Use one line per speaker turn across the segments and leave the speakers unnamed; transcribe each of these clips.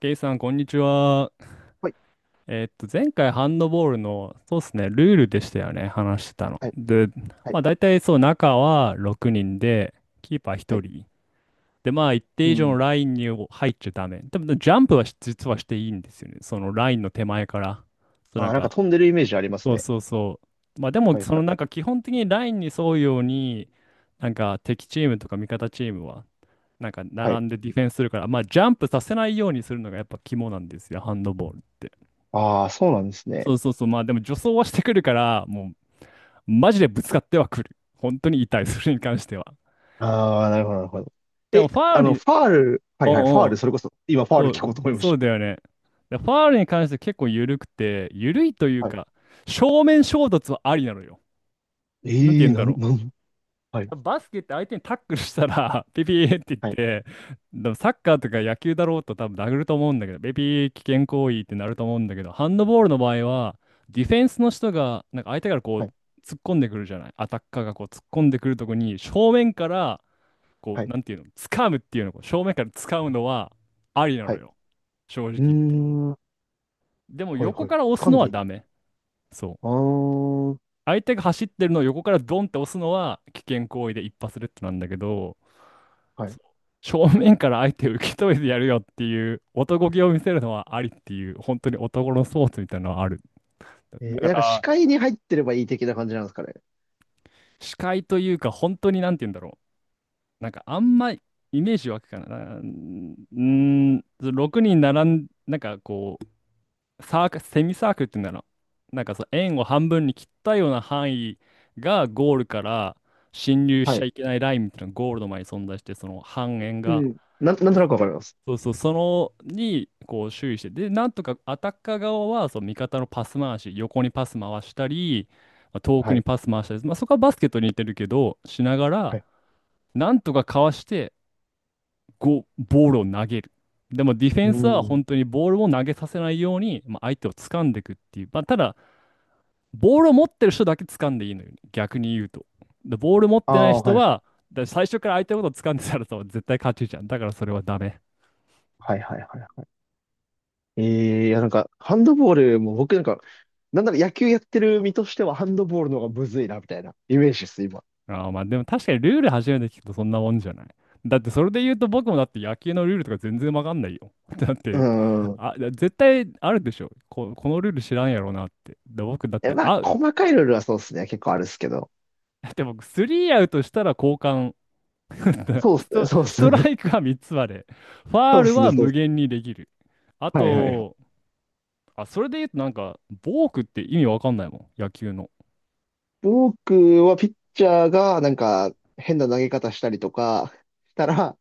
ケイさん、こんにちは。
はい、
前回ハンドボールの、そうですね、ルールでしたよね、話してたの。
はい、
で、
は
ま
い、
あ大体そう、中は6人で、キーパー
は
1
い。
人。で、まあ一
う
定以上
ん。
のラインに入っちゃダメ。でも、ジャンプは実はしていいんですよね。そのラインの手前から。そう、
あ
なん
あ、なんか
か、
飛んでるイメージあります
そう
ね。
そうそう。まあでも、
はい、
そ
は
のな
い、
んか基本的にラインに沿うように、なんか敵チームとか味方チームは、なんか
はい。
並んでディフェンスするから、まあジャンプさせないようにするのがやっぱ肝なんですよ、ハンドボールって。
ああ、そうなんです
そ
ね。
うそうそう。まあでも助走はしてくるから、もうマジでぶつかってはくる。本当に痛い、それに関しては。
ああ、なるほど、なるほど。
でも
え、
ファ
あ
ウル
の、
に、
ファール、はい、はい、ファー
おうお
ル、
う、
それこそ、今、ファー
そ
ル聞こ
う、
うと思いま
そう
し
だよね。でファウルに関して結構緩くて、緩いという
た。はい。
か、正面衝突はありなのよ。なんて
ええ
言
ー
うん
な
だ
ん、
ろう。
なん、はい、
バスケって相手にタックルしたら、ピピーって言っ
はい、
て、でもサッカーとか野球だろうと多分殴ると思うんだけど、ピピー危険行為ってなると思うんだけど、ハンドボールの場合は、ディフェンスの人が、なんか相手からこ
は
う、
い、
突っ込んでくるじゃない。アタッカーがこう、突っ込んでくるとこに、正面から、こ
は
う、
い、
なんていうの、掴むっていうの、こう正面から掴むのは、ありな
は
の
い。
よ。正
う
直
ー
言って。
ん、は
でも
い、
横
はい。
から押す
噛ん
の
で
は
いいの、
ダメ。そう。
ああ
相手が走ってるのを横からドンって押すのは危険行為で一発レッドなんだけど、
ー、はい。
正面から相手を受け止めてやるよっていう男気を見せるのはありっていう、本当に男のスポーツみたいなのはある。
えー、
だか
視
ら、
界に入ってればいい的な感じなんですかね。
視界というか、本当になんて言うんだろう。なんかあんまイメージ湧くかな。6人並ん、なんかこう、サーク、セミサークルっていうんだろう。なんかそう、円を半分に切ったような範囲がゴールから侵入し
は
ちゃ
い。
いけないラインみたいなのがゴールの前に存在して、その半円
う
が。
ん。なんとなくわかります。
そうそう、そのにこう注意して、で、なんとかアタッカー側はその味方のパス回し、横にパス回したり、まあ遠く
は
に
い、
パス回したり、まあ、そこはバスケットに似てるけど、しなが
は
ら、
い。
なんとかかわして、ボールを投げる。でもディフェ
う
ンスは
ん。
本当にボールを投げさせないように、まあ、相手を掴んでいくっていう、まあ、ただ、ボールを持ってる人だけ掴んでいいのよ、逆に言うと。で、ボール持っ
あ
てない
あ、
人
はい、
は、だから最初から相手のことを掴んでたらさ絶対勝ちじゃん。だからそれはダメ。
はい、はい、はい。ええいや、ハンドボールも僕なんか、なんなら野球やってる身としてはハンドボールの方がむずいな、みたいなイメージです、今。
ああ、まあでも確かにルール初めて聞くとそんなもんじゃない。だってそれで言うと僕もだって野球のルールとか全然わかんないよ。だっ
う
て、
ん。
あ、絶対あるでしょ。このルール知らんやろなって。で、僕だっ
え、
て
まあ、
アウ、
細かいルールはそうですね。結構あるっすけど。
だって僕スリーアウトしたら交換。
そうっ
ス
すね、
ト、
そうっ
ス
す
ト
ね。
ラ イクは3つまで。ファ
そう
ー
っ
ル
すね、
は
そうっ
無
す。
限にできる。あ
はいはいはい。
と、あ、それで言うとなんか、ボークって意味わかんないもん。野球の。
僕はピッチャーがなんか変な投げ方したりとかしたら、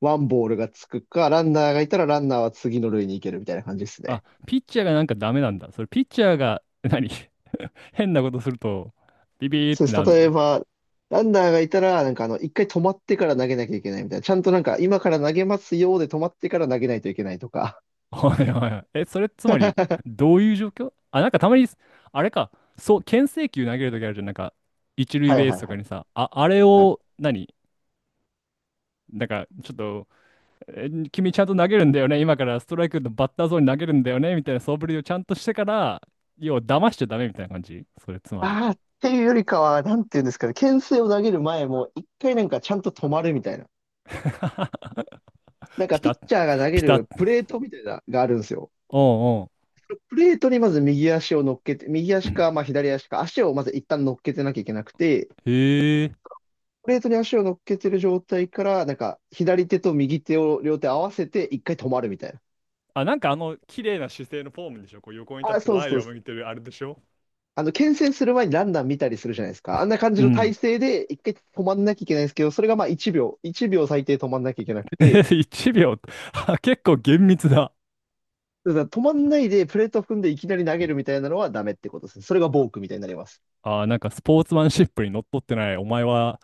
ワンボールがつくか、ランナーがいたらランナーは次の塁に行けるみたいな感じですね。
あ、ピッチャーがなんかダメなんだ。それピッチャーが何 変なことすると、ビビーっ
そう
て
で
な
す。
る
例え
の。
ば、ランナーがいたら、なんかあの、一回止まってから投げなきゃいけないみたいな。ちゃんとなんか、今から投げますよで止まってから投げないといけないとか。
はいはいはい。え、それつまり、どういう状況あ、なんかたまに、あれか、そう、牽制球投げるときあるじゃん、なんか、一塁
はいは
ベース
い
と
は
か
い。
にさ、あ、あれ
はい。
を何、なんか、ちょっと、え君ちゃんと投げるんだよね、今からストライクのバッターゾーンに投げるんだよね、みたいな素振りをちゃんとしてから、要は騙しちゃダメみたいな感じそれつまり。
ああ、っていうよりかは、なんていうんですかね、牽制を投げる前も、一回なんかちゃんと止まるみたいな。なんか、
ピ
ピ
タ
ッ
ッ、
チャーが投げ
ピタ
るプ
ッ。
レートみたいな、があるんですよ。
おうん
プレートにまず右足を乗っけて、右
う
足
ん。
か、まあ左足か、足をまず一旦乗っけてなきゃいけなくて、
へえ。
プレートに足を乗っけてる状態から、なんか、左手と右手を両手合わせて、一回止まるみたいな。
あ、なんかあの、綺麗な姿勢のフォームでしょこう横に立っ
あ、
て
そう
前
そう
を
です。
向いてるあれでしょ
あの、牽制する前にランナー見たりするじゃないですか。あんな感じ
う
の体
ん。
勢で、一回止まんなきゃいけないんですけど、それがまあ1秒、1秒最低止まんなきゃいけなくて、
1秒。あ結構厳密だ。
だから止まんないでプレート踏んでいきなり投げるみたいなのはダメってことですね。それがボークみたいになります。
あー、なんかスポーツマンシップにのっとってない。お前は、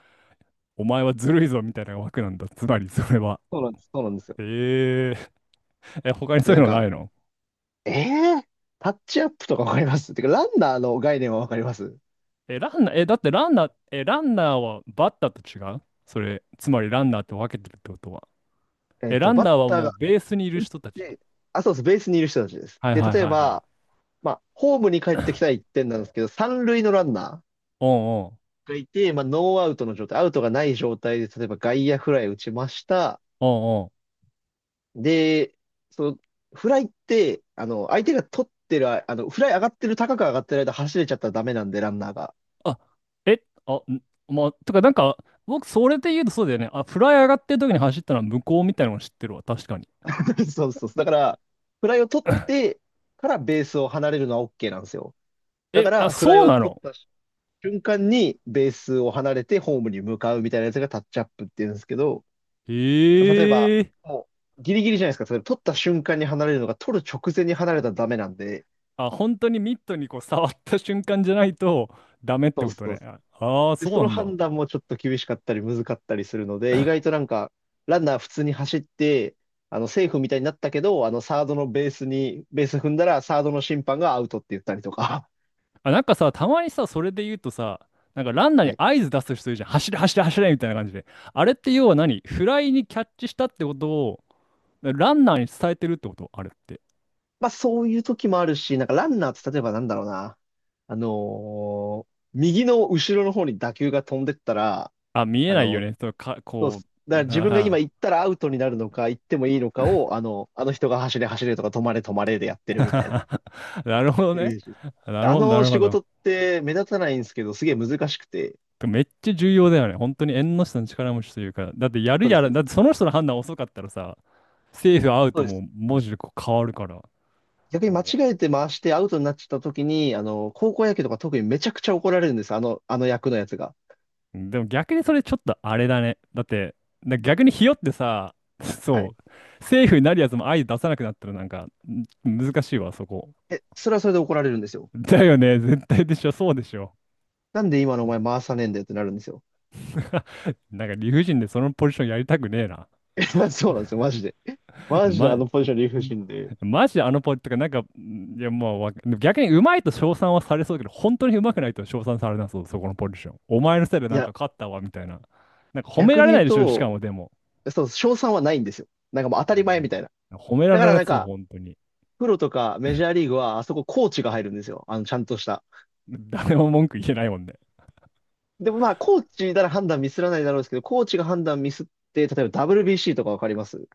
お前はずるいぞみたいな枠なんだ。つまり、それは。
そうなんです、そうなんですよ。
えー、え、他に
で、
そうい
な
う
ん
のな
か、
いの？
えー、タッチアップとかわかります、てか、ランナーの概念はわかります？
え、ランナー、え、だってランナー、え、ランナーはバッターと違うそれ、つまりランナーって分けてるってことは。
えっ
え、ラ
と、
ン
バ
ナ
ッ
ーは
タ
も
ー
うベースにいる
打っ
人たち。
て、あ、そうです、ベースにいる人たちです。
はい
で、
はい
例え
はいは
ば、
い。
まあ、ホームに帰ってきたら1点なんですけど、三塁のランナ
おうんうん。
ーがいて、まあ、ノーアウトの状態、アウトがない状態で、例えば外野フライ打ちました。
おうんうん。
で、その、フライって、あの、相手が取ってる、ああの、フライ上がってる、高く上がってる間走れちゃったらダメなんで、ランナーが。
あ、え、あ、んまあ、とかなんか、僕、それで言うとそうだよね。あ、フライ上がってる時に走ったのは向こうみたいなの知ってるわ。確かに。
そうそう。だから、フライを取ってからベースを離れるのは OK なんですよ。だか
え、あ、
ら、フラ
そ
イ
う
を
な
取っ
の？
た瞬間にベースを離れてホームに向かうみたいなやつがタッチアップっていうんですけど、その例えば、
へえ。
もうギリギリじゃないですか。例えば取った瞬間に離れるのが取る直前に離れたらダメなんで、
あ、本当にミットにこう触った瞬間じゃないとダメっ
そ
て
う
こと
そう。
ね。ああー、
で、
そ
そ
うな
の
んだ。
判断もちょっと厳しかったり難かったりするので、意外となんか、ランナー普通に走って、あの、セーフみたいになったけど、あの、サードのベースに、ベース踏んだら、サードの審判がアウトって言ったりとか。
あ、なんかさ、たまにさ、それで言うとさ、なんかラン ナー
は
に
い、
合図出す人いるじゃん。走れ、走れ、走れみたいな感じで。あれって要は何？フライにキャッチしたってことを、ランナーに伝えてるってことあれって。
まあそういう時もあるし、なんかランナーって例えばなんだろうな。あのー右の後ろの方に打球が飛んでったら、
あ、見え
あ
ないよ
の、
ね。そう、か、
そうっ
こ
す。
う、
だから自分が
な
今
あ
行ったらアウトになるのか、行ってもいいのかを、あの、あの人が走れ走れとか止まれ止まれでやってるみたいな
なるほど
イ
ね。
メージです。
な
で
る
あ
ほど、な
の
る
仕
ほど。
事って目立たないんですけど、すげえ難しくて。
めっちゃ重要だよね。本当に縁の下の力持ちというか、だってやる
そうです、
や
そ
ら、
うで
だって
す。
その人の判断遅かったらさ、セーフアウ
そ
ト
うで
も
す、
文字でこう変わるから。
逆に間違
お、
えて回してアウトになっちゃった時に、あの、高校野球とか特にめちゃくちゃ怒られるんです。あの、あの役のやつが。
でも逆にそれちょっとあれだね。だって、逆にひよってさ、
はい。
そう、セーフになるやつも相出さなくなったらなんかん難しいわ、そこ。
え、それはそれで怒られるんですよ。
だよね、絶対でしょ、そうでしょ。
なんで今のお前回さねえんだよってなるんですよ。
なんか理不尽でそのポジションやりたくねえな。
そうなんですよ、マジで。マジであ
ま、
のポジション理不尽で。
マジであのポイントがなんか、んいやもうわ逆にうまいと称賛はされそうだけど、本当にうまくないと称賛されなそう、そこのポジション。お前のせいで
い
なん
や、
か勝ったわ、みたいな。なんか褒め
逆
ら
に
れ
言
な
う
いでしょ、しか
と、
もでも。
そう、賞賛はないんですよ。なんかもう
う
当たり前
ん
みたいな。
褒めら
だか
れ
ら
ない
なん
そう、
か、
本当に。
プロとかメジャーリーグは、あそこコーチが入るんですよ。あの、ちゃんとした。
誰も文句言えないもんね。
でもまあ、コーチなら判断ミスらないだろうですけど、コーチが判断ミスって、例えば WBC とかわかります？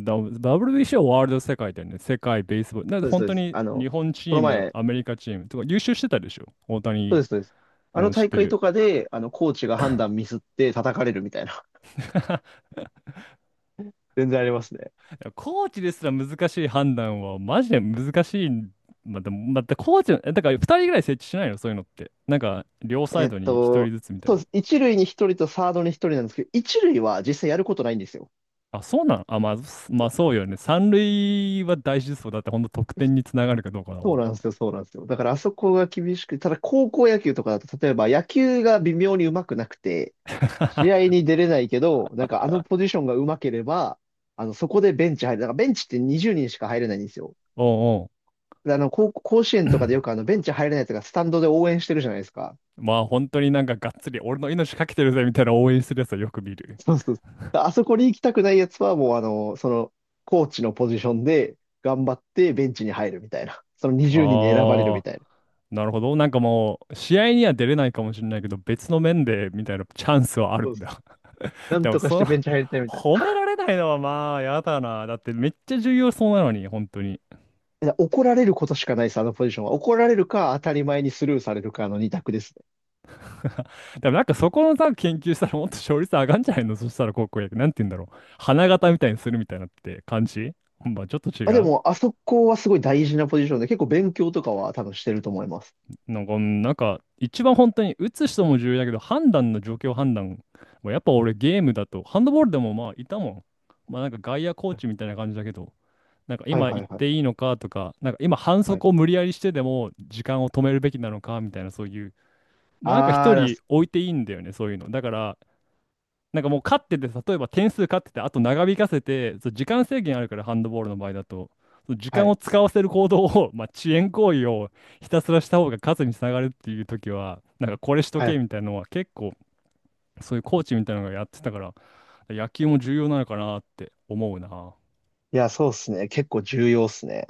WBC はワールド世界だよね。世界ベースボール。だって
そうです、
本
そう
当
です。
に
あの、
日本チ
この
ーム、
前、
アメリカチームとか優秀してたでしょ。大
そう
谷、
です、そうです。あ
う
の
ん、知っ
大
て
会と
る。
かで、あの、コーチが判断ミスって叩かれるみたいな。全然ありますね。
いやコーチですら難しい判断はマジで難しい。まあ、でも、またコーチの、だから2人ぐらい設置しないの、そういうのって。なんか、両サイ
えっ
ドに1人
と、
ずつみたい
そうで
な。
す。一塁に一人とサードに一人なんですけど、一塁は実際やることないんですよ。
あ、そうなの？あ、まあ、まあそうよね。三塁は大事そうだって、ほんと得点につながるかどうかだも
そう
ん
なん
ね。
ですよ、そうなんですよ。だからあそこが厳しく、ただ高校野球とかだと、例えば野球が微妙に上手くなくて、試合 に出れないけど、なんかあのポジションが上手ければ、あの、そこでベンチ入る。だからベンチって20人しか入れないんですよ。
おうお
であの、高校、甲子園とかでよくあの、ベンチ入れないとか、スタンドで応援してるじゃないですか。
う。まあ本当になんかがっつり俺の命かけてるぜみたいな応援するやつはよく見る。
そうそう。あそこに行きたくないやつは、もうあの、その、コーチのポジションで頑張ってベンチに入るみたいな。その20人にんに選ばれるみ
ああ。
たいな。
なるほど。なんかもう、試合には出れないかもしれないけど、別の面で、みたいなチャンスはあ
そ
る
う
ん
そう。
だ。
な ん
でも、
とかし
そ
て
の、
ベンチ入りたいみたいな。
褒められないのはまあ、やだな。だって、めっちゃ重要そうなのに、本当に。
いや怒られることしかないです、あのポジションは。怒られるか、当たり前にスルーされるかの二択ですね。
でも、なんかそこのさ、研究したら、もっと勝率上がんじゃないの？そしたら、高校野球、なんて言うんだろう。花形みたいにするみたいなって感じ。まあ、ちょっと違
あ、で
う。
も、あそこはすごい大事なポジションで、結構勉強とかは多分してると思います。
なんか、うんなんか、一番本当に、打つ人も重要だけど、判断の状況判断。やっぱ俺、ゲームだと、ハンドボールでもまあ、いたもん。まあ、なんか外野コーチみたいな感じだけど。なんか
はい
今行
はい
っ
はい。
ていいのかとか、なんか今反
はい。
則を無理やりしてでも時間を止めるべきなのかみたいなそういう、まあなんか
あ
一
ー、だ
人
す
置いていいんだよね、そういうの。だから、なんかもう勝ってて、例えば点数勝ってて、あと長引かせて、そう時間制限あるから、ハンドボールの場合だと、そう時
は
間
い。
を使わせる行動を、まあ遅延行為をひたすらした方が勝つにつながるっていう時は、なんかこれしと
はい。
けみたいなのは結構、そういうコーチみたいなのがやってたから、野球も重要なのかなって思うな。
いや、そうっすね。結構重要っすね。